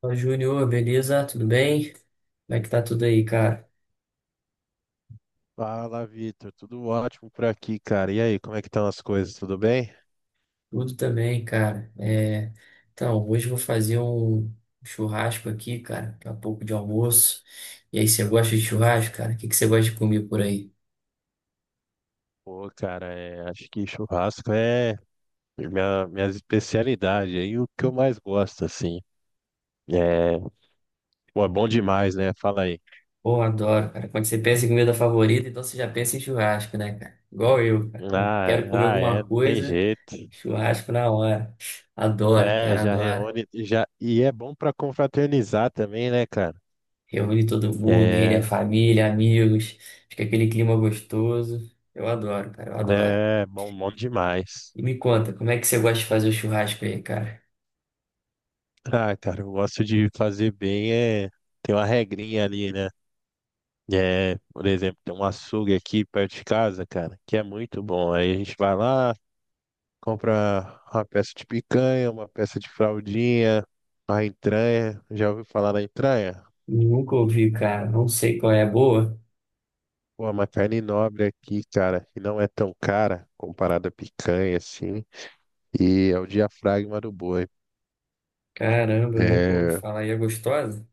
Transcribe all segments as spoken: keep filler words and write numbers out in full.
Fala, Júnior, beleza? Tudo bem? Como é que tá tudo aí, cara? Fala, Vitor. Tudo ótimo por aqui, cara. E aí, como é que estão as coisas? Tudo bem? Tudo também, cara. É, Então, hoje eu vou fazer um churrasco aqui, cara, daqui a pouco de almoço. E aí, você gosta de churrasco, cara? O que que você gosta de comer por aí? Pô, cara, é, acho que churrasco é minha, minha especialidade aí, o que eu mais gosto, assim. É, pô, é bom demais, né? Fala aí. Pô, adoro, cara. Quando você pensa em comida favorita, então você já pensa em churrasco, né, cara? Igual eu, cara. Eu Ah, quero comer ah, é, alguma não tem coisa, jeito. churrasco na hora. Adoro, É, cara, já adoro. reúne, já, e é bom pra confraternizar também, né, cara? Reúne todo mundo, reúne a É, família, amigos, fica aquele clima gostoso. Eu adoro, cara, eu adoro. é bom, bom demais. E me conta, como é que você gosta de fazer o churrasco aí, cara? Ah, cara, eu gosto de fazer bem, é, tem uma regrinha ali, né? É, por exemplo, tem um açougue aqui perto de casa, cara, que é muito bom. Aí a gente vai lá, compra uma peça de picanha, uma peça de fraldinha, a entranha. Já ouviu falar da entranha? Nunca ouvi, cara, não sei qual é a boa. Pô, é uma carne nobre aqui, cara, que não é tão cara comparada à picanha, assim. E é o diafragma do boi. Caramba, eu nunca ouvi É, falar. E é gostosa?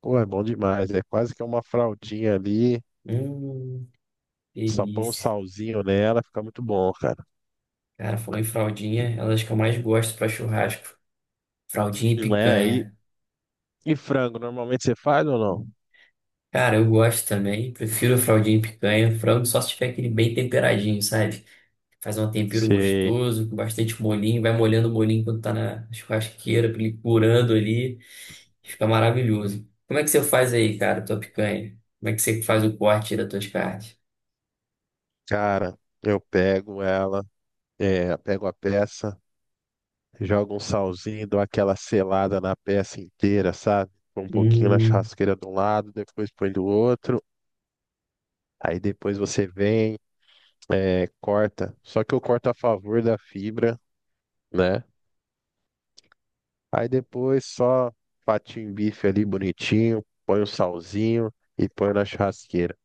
pô, é bom demais. É quase que uma fraldinha ali, Hum, só põe um delícia. salzinho nela, fica muito bom, cara. Cara, falou em fraldinha, é uma das que eu mais gosto pra churrasco. Fraldinha e E, não é? E, picanha. e frango, normalmente você faz ou não? Cara, eu gosto também, prefiro fraldinha e picanha, frango só se tiver aquele bem temperadinho, sabe? Faz um tempero Se, gostoso, com bastante molinho, vai molhando o molinho quando tá na churrasqueira, pra ele curando ali, fica maravilhoso. Como é que você faz aí, cara, tua picanha? Como é que você faz o corte das tuas carnes? cara, eu pego ela, é, pego a peça, jogo um salzinho, dou aquela selada na peça inteira, sabe? Põe um pouquinho na Hum, churrasqueira de um lado, depois põe do outro. Aí depois você vem, é, corta. Só que eu corto a favor da fibra, né? Aí depois só fatinho bife ali bonitinho, põe o salzinho e põe na churrasqueira.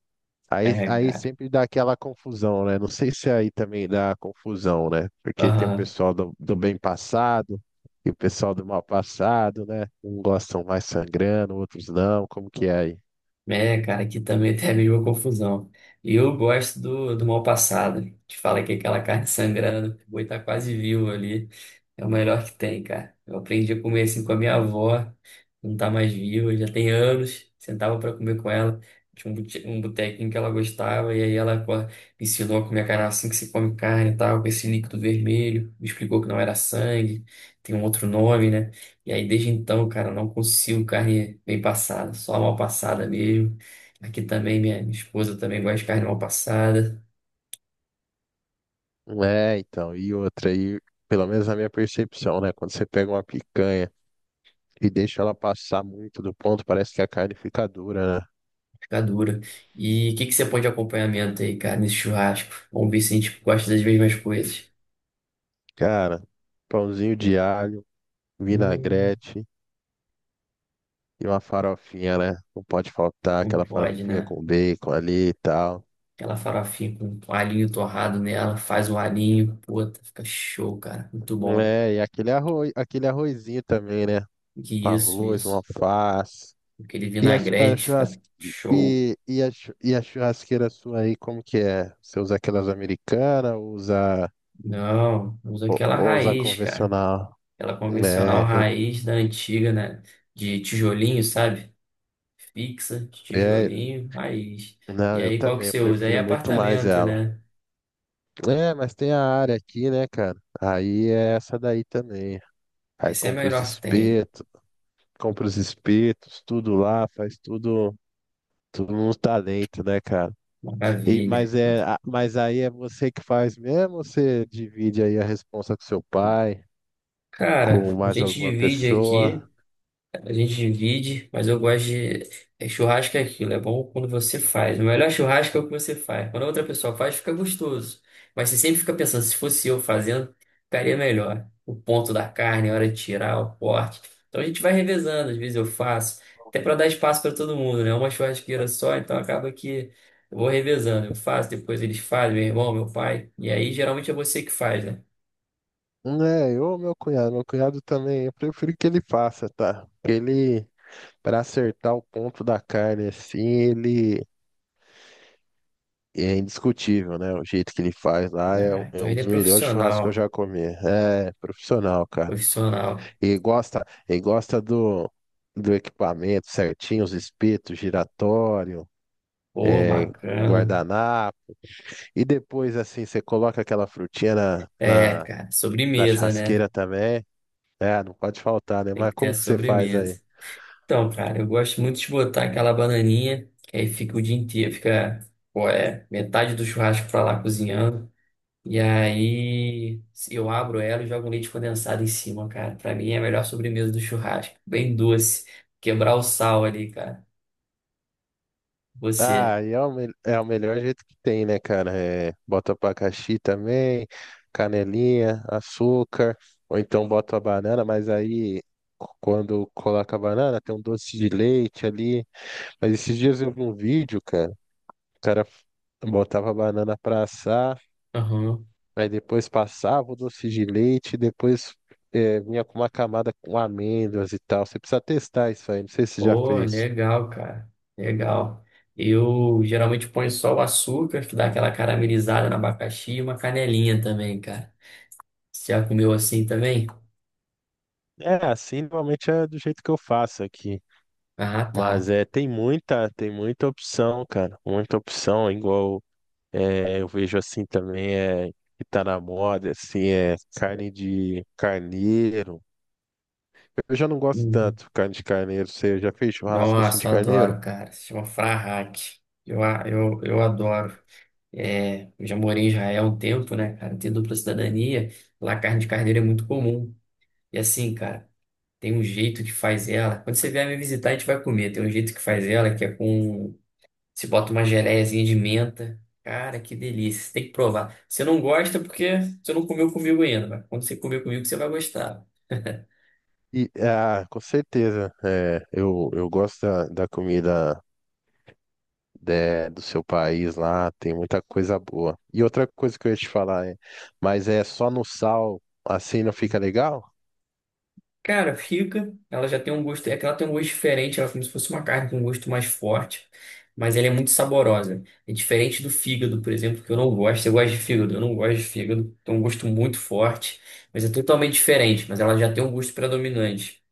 Aí, é, aí cara. sempre dá aquela confusão, né? Não sei se aí também dá confusão, né? Porque tem o Aham. pessoal do, do bem passado e o pessoal do mal passado, né? Um gostam mais sangrando, outros não. Como que é aí? É, cara, aqui também tem a mesma confusão. E eu gosto do, do mal passado. Te fala que aquela carne sangrando, o boi tá quase vivo ali. É o melhor que tem, cara. Eu aprendi a comer assim com a minha avó, não tá mais viva, já tem anos. Sentava pra comer com ela. Tinha um bute- um botequinho que ela gostava, e aí ela co- me ensinou a comer a carne assim que se come carne e tal, com esse líquido vermelho. Me explicou que não era sangue, tem um outro nome, né? E aí, desde então, cara, não consigo carne bem passada, só mal passada mesmo. Aqui também, minha minha esposa também gosta de carne mal passada, É, então, e outra aí, pelo menos na minha percepção, né? Quando você pega uma picanha e deixa ela passar muito do ponto, parece que a carne fica dura, né? fica dura. E o que que você põe de acompanhamento aí, cara, nesse churrasco? Vamos ver se a gente gosta das mesmas coisas. Cara, pãozinho de alho, Hum, vinagrete e uma farofinha, né? Não pode faltar não aquela pode, farofinha né? com bacon ali e tal. Aquela farofinha com um alhinho torrado nela, faz o alhinho, puta, fica show, cara, muito bom. É, e aquele arroz, aquele arrozinho também, né? Que Um isso, arroz, uma isso. alface. Aquele E a, chu- a vinagrete, churrasque... fica show. e, e, a, chu- E a churrasqueira sua aí, como que é? Você usa aquelas americanas, ou usa Não, usa ou, aquela ou usa raiz, cara. convencional? Aquela convencional É, eu raiz da antiga, né? De tijolinho, sabe? Fixa, de é, tijolinho, raiz. E não, eu aí, qual que também, eu você usa? Aí, prefiro muito mais apartamento, ela. né? É, mas tem a área aqui, né, cara? Aí é essa daí também. Aí Essa é a compra os melhor que tem. espetos, compra os espetos, tudo lá, faz tudo, tudo no talento, né, cara? E- Maravilha. Mas, é, a- mas aí é você que faz mesmo ou você divide aí a responsa com seu pai, com Cara, a mais gente alguma divide aqui. pessoa? A gente divide, mas eu gosto de. é, Churrasco é aquilo, é bom quando você faz. O melhor churrasco é o que você faz. Quando a outra pessoa faz, fica gostoso. Mas você sempre fica pensando, se fosse eu fazendo, ficaria melhor. O ponto da carne, a hora de tirar, o corte. Então a gente vai revezando, às vezes eu faço, até para dar espaço para todo mundo, né? Uma churrasqueira só, então acaba que eu vou revezando. Eu faço, depois eles fazem, meu irmão, meu pai. E aí geralmente é você que faz, né? É, eu ou meu cunhado. Meu cunhado também, eu prefiro que ele faça, tá? Porque ele, para acertar o ponto da carne assim, ele é indiscutível, né? O jeito que ele faz lá é, um- Ah, é então um ele é dos melhores churrascos que eu profissional, já comi. É profissional, cara. profissional. E gosta, e gosta do, do equipamento certinho, os espetos, giratório. Pô, é, bacana. Guardanapo. E depois, assim, você coloca aquela frutinha na, É, na, cara, na sobremesa, né? churrasqueira também. É, não pode faltar, né? Tem Mas que ter a como que você faz aí? sobremesa. Então, cara, eu gosto muito de botar aquela bananinha, que aí fica o dia inteiro, fica, pô, é, metade do churrasco pra lá cozinhando. E aí eu abro ela e jogo um leite condensado em cima, cara. Pra mim é a melhor sobremesa do churrasco. Bem doce. Quebrar o sal ali, cara. Você. Ah, e é o, me- é o melhor jeito que tem, né, cara? É, bota abacaxi também, canelinha, açúcar, ou então bota a banana, mas aí c- quando coloca a banana tem um doce de leite ali. Mas esses dias eu vi um vídeo, cara, o cara f- botava a banana pra assar. Aham. Aí depois passava o doce de leite, depois eh, vinha com uma camada com amêndoas e tal. Você precisa testar isso aí, não sei se você já Pô, fez. legal, cara. Legal. Eu geralmente ponho só o açúcar, que dá aquela caramelizada no abacaxi e uma canelinha também, cara. Você já comeu assim também? É, assim normalmente é do jeito que eu faço aqui. Ah, tá. Mas é, tem muita, tem muita opção, cara. Muita opção, igual eh, eu vejo assim também, é, que tá na moda, assim, é carne de carneiro. Eu já não gosto Uhum. tanto carne de carneiro. Você já fez churrasco assim Nossa, de eu carneiro? adoro, cara. Se chama Frahak. Eu, a- eu, eu adoro. É, eu já morei em Israel há um tempo, né, cara? Tenho dupla cidadania. Lá a carne de carneiro é muito comum. E assim, cara, tem um jeito que faz ela. Quando você vier me visitar, a gente vai comer. Tem um jeito que faz ela que é com. Se bota uma geleiazinha de menta. Cara, que delícia. Você tem que provar. Você não gosta porque você não comeu comigo ainda, mas quando você comer comigo, você vai gostar. E, ah, com certeza. É, eu, eu gosto da, da comida de- do seu país lá, tem muita coisa boa. E outra coisa que eu ia te falar é, mas é só no sal, assim não fica legal? Cara, fica. Ela já tem um gosto. É que ela tem um gosto diferente. Ela é como se fosse uma carne com um gosto mais forte. Mas ela é muito saborosa. É diferente do fígado, por exemplo, que eu não gosto. Você gosta de fígado? Eu não gosto de fígado. Tem um gosto muito forte. Mas é totalmente diferente. Mas ela já tem um gosto predominante.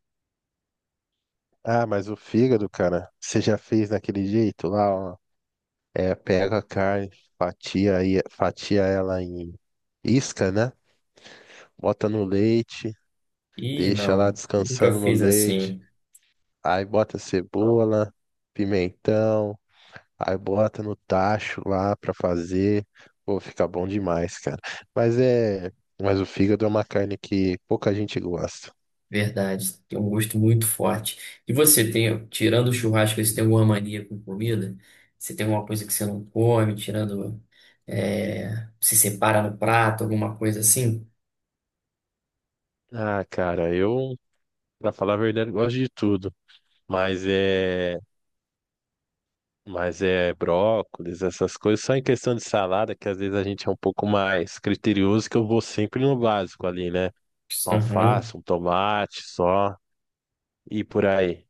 Ah, mas o fígado, cara, você já fez daquele jeito lá, ó. É, pega a carne, fatia, aí, fatia ela em isca, né? Bota no leite, Ih, deixa lá não. Nunca descansando no fiz leite, assim. aí bota cebola, pimentão. Aí bota no tacho lá pra fazer. Pô, fica bom demais, cara. Mas é. Mas o fígado é uma carne que pouca gente gosta. Verdade. Tem um gosto muito forte. E você tem, tirando o churrasco, você tem alguma mania com comida? Você tem alguma coisa que você não come, tirando. É, se separa no prato, alguma coisa assim. Ah, cara, eu, pra falar a verdade, gosto de tudo. Mas é. Mas é brócolis, essas coisas. Só em questão de salada, que às vezes a gente é um pouco mais criterioso, que eu vou sempre no básico ali, né? Aham, Alface, um tomate só. E por aí.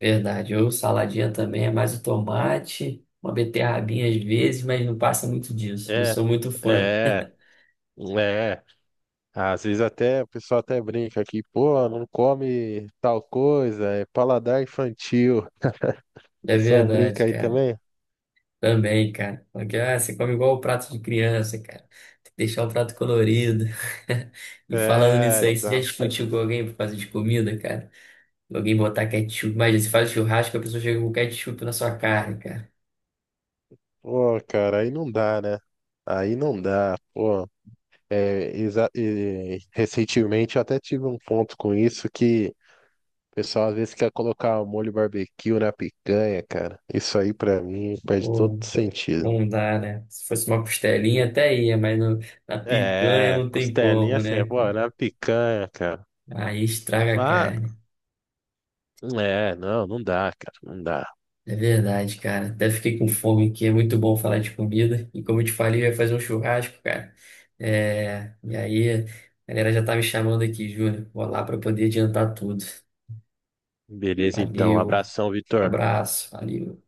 verdade. Ou saladinha também é mais o tomate, uma beterrabinha às vezes, mas não passa muito disso. Não É, sou muito fã. é, é. Ah, às vezes até o pessoal até brinca aqui, pô, não come tal coisa, é paladar infantil. O É pessoal verdade, brinca aí cara. também? Também, cara. Porque, ah, você come igual o prato de criança, cara. Tem que deixar o prato colorido. E falando nisso É, aí, você já tá. discutiu com alguém por causa de comida, cara? Alguém botar ketchup. Imagina, você faz churrasco, a pessoa chega com ketchup na sua carne, cara. Pô, cara, aí não dá, né? Aí não dá, pô. É, exa- e- recentemente eu até tive um ponto com isso que o pessoal às vezes quer colocar molho barbecue na picanha, cara. Isso aí pra mim perde todo Pô, sentido. não dá, né? Se fosse uma costelinha Hum. até ia, mas no- na picanha É, não tem costelinha como, assim, pô, né? na picanha, cara. Aí estraga a mas carne. É, não, não dá, cara, não dá. É verdade, cara. Até fiquei com fome aqui. É muito bom falar de comida. E como eu te falei, eu ia fazer um churrasco, cara. É... E aí, a galera já tá me chamando aqui, Júnior. Vou lá pra poder adiantar tudo. Beleza, então. Valeu, Abração, um Vitor. abraço, valeu.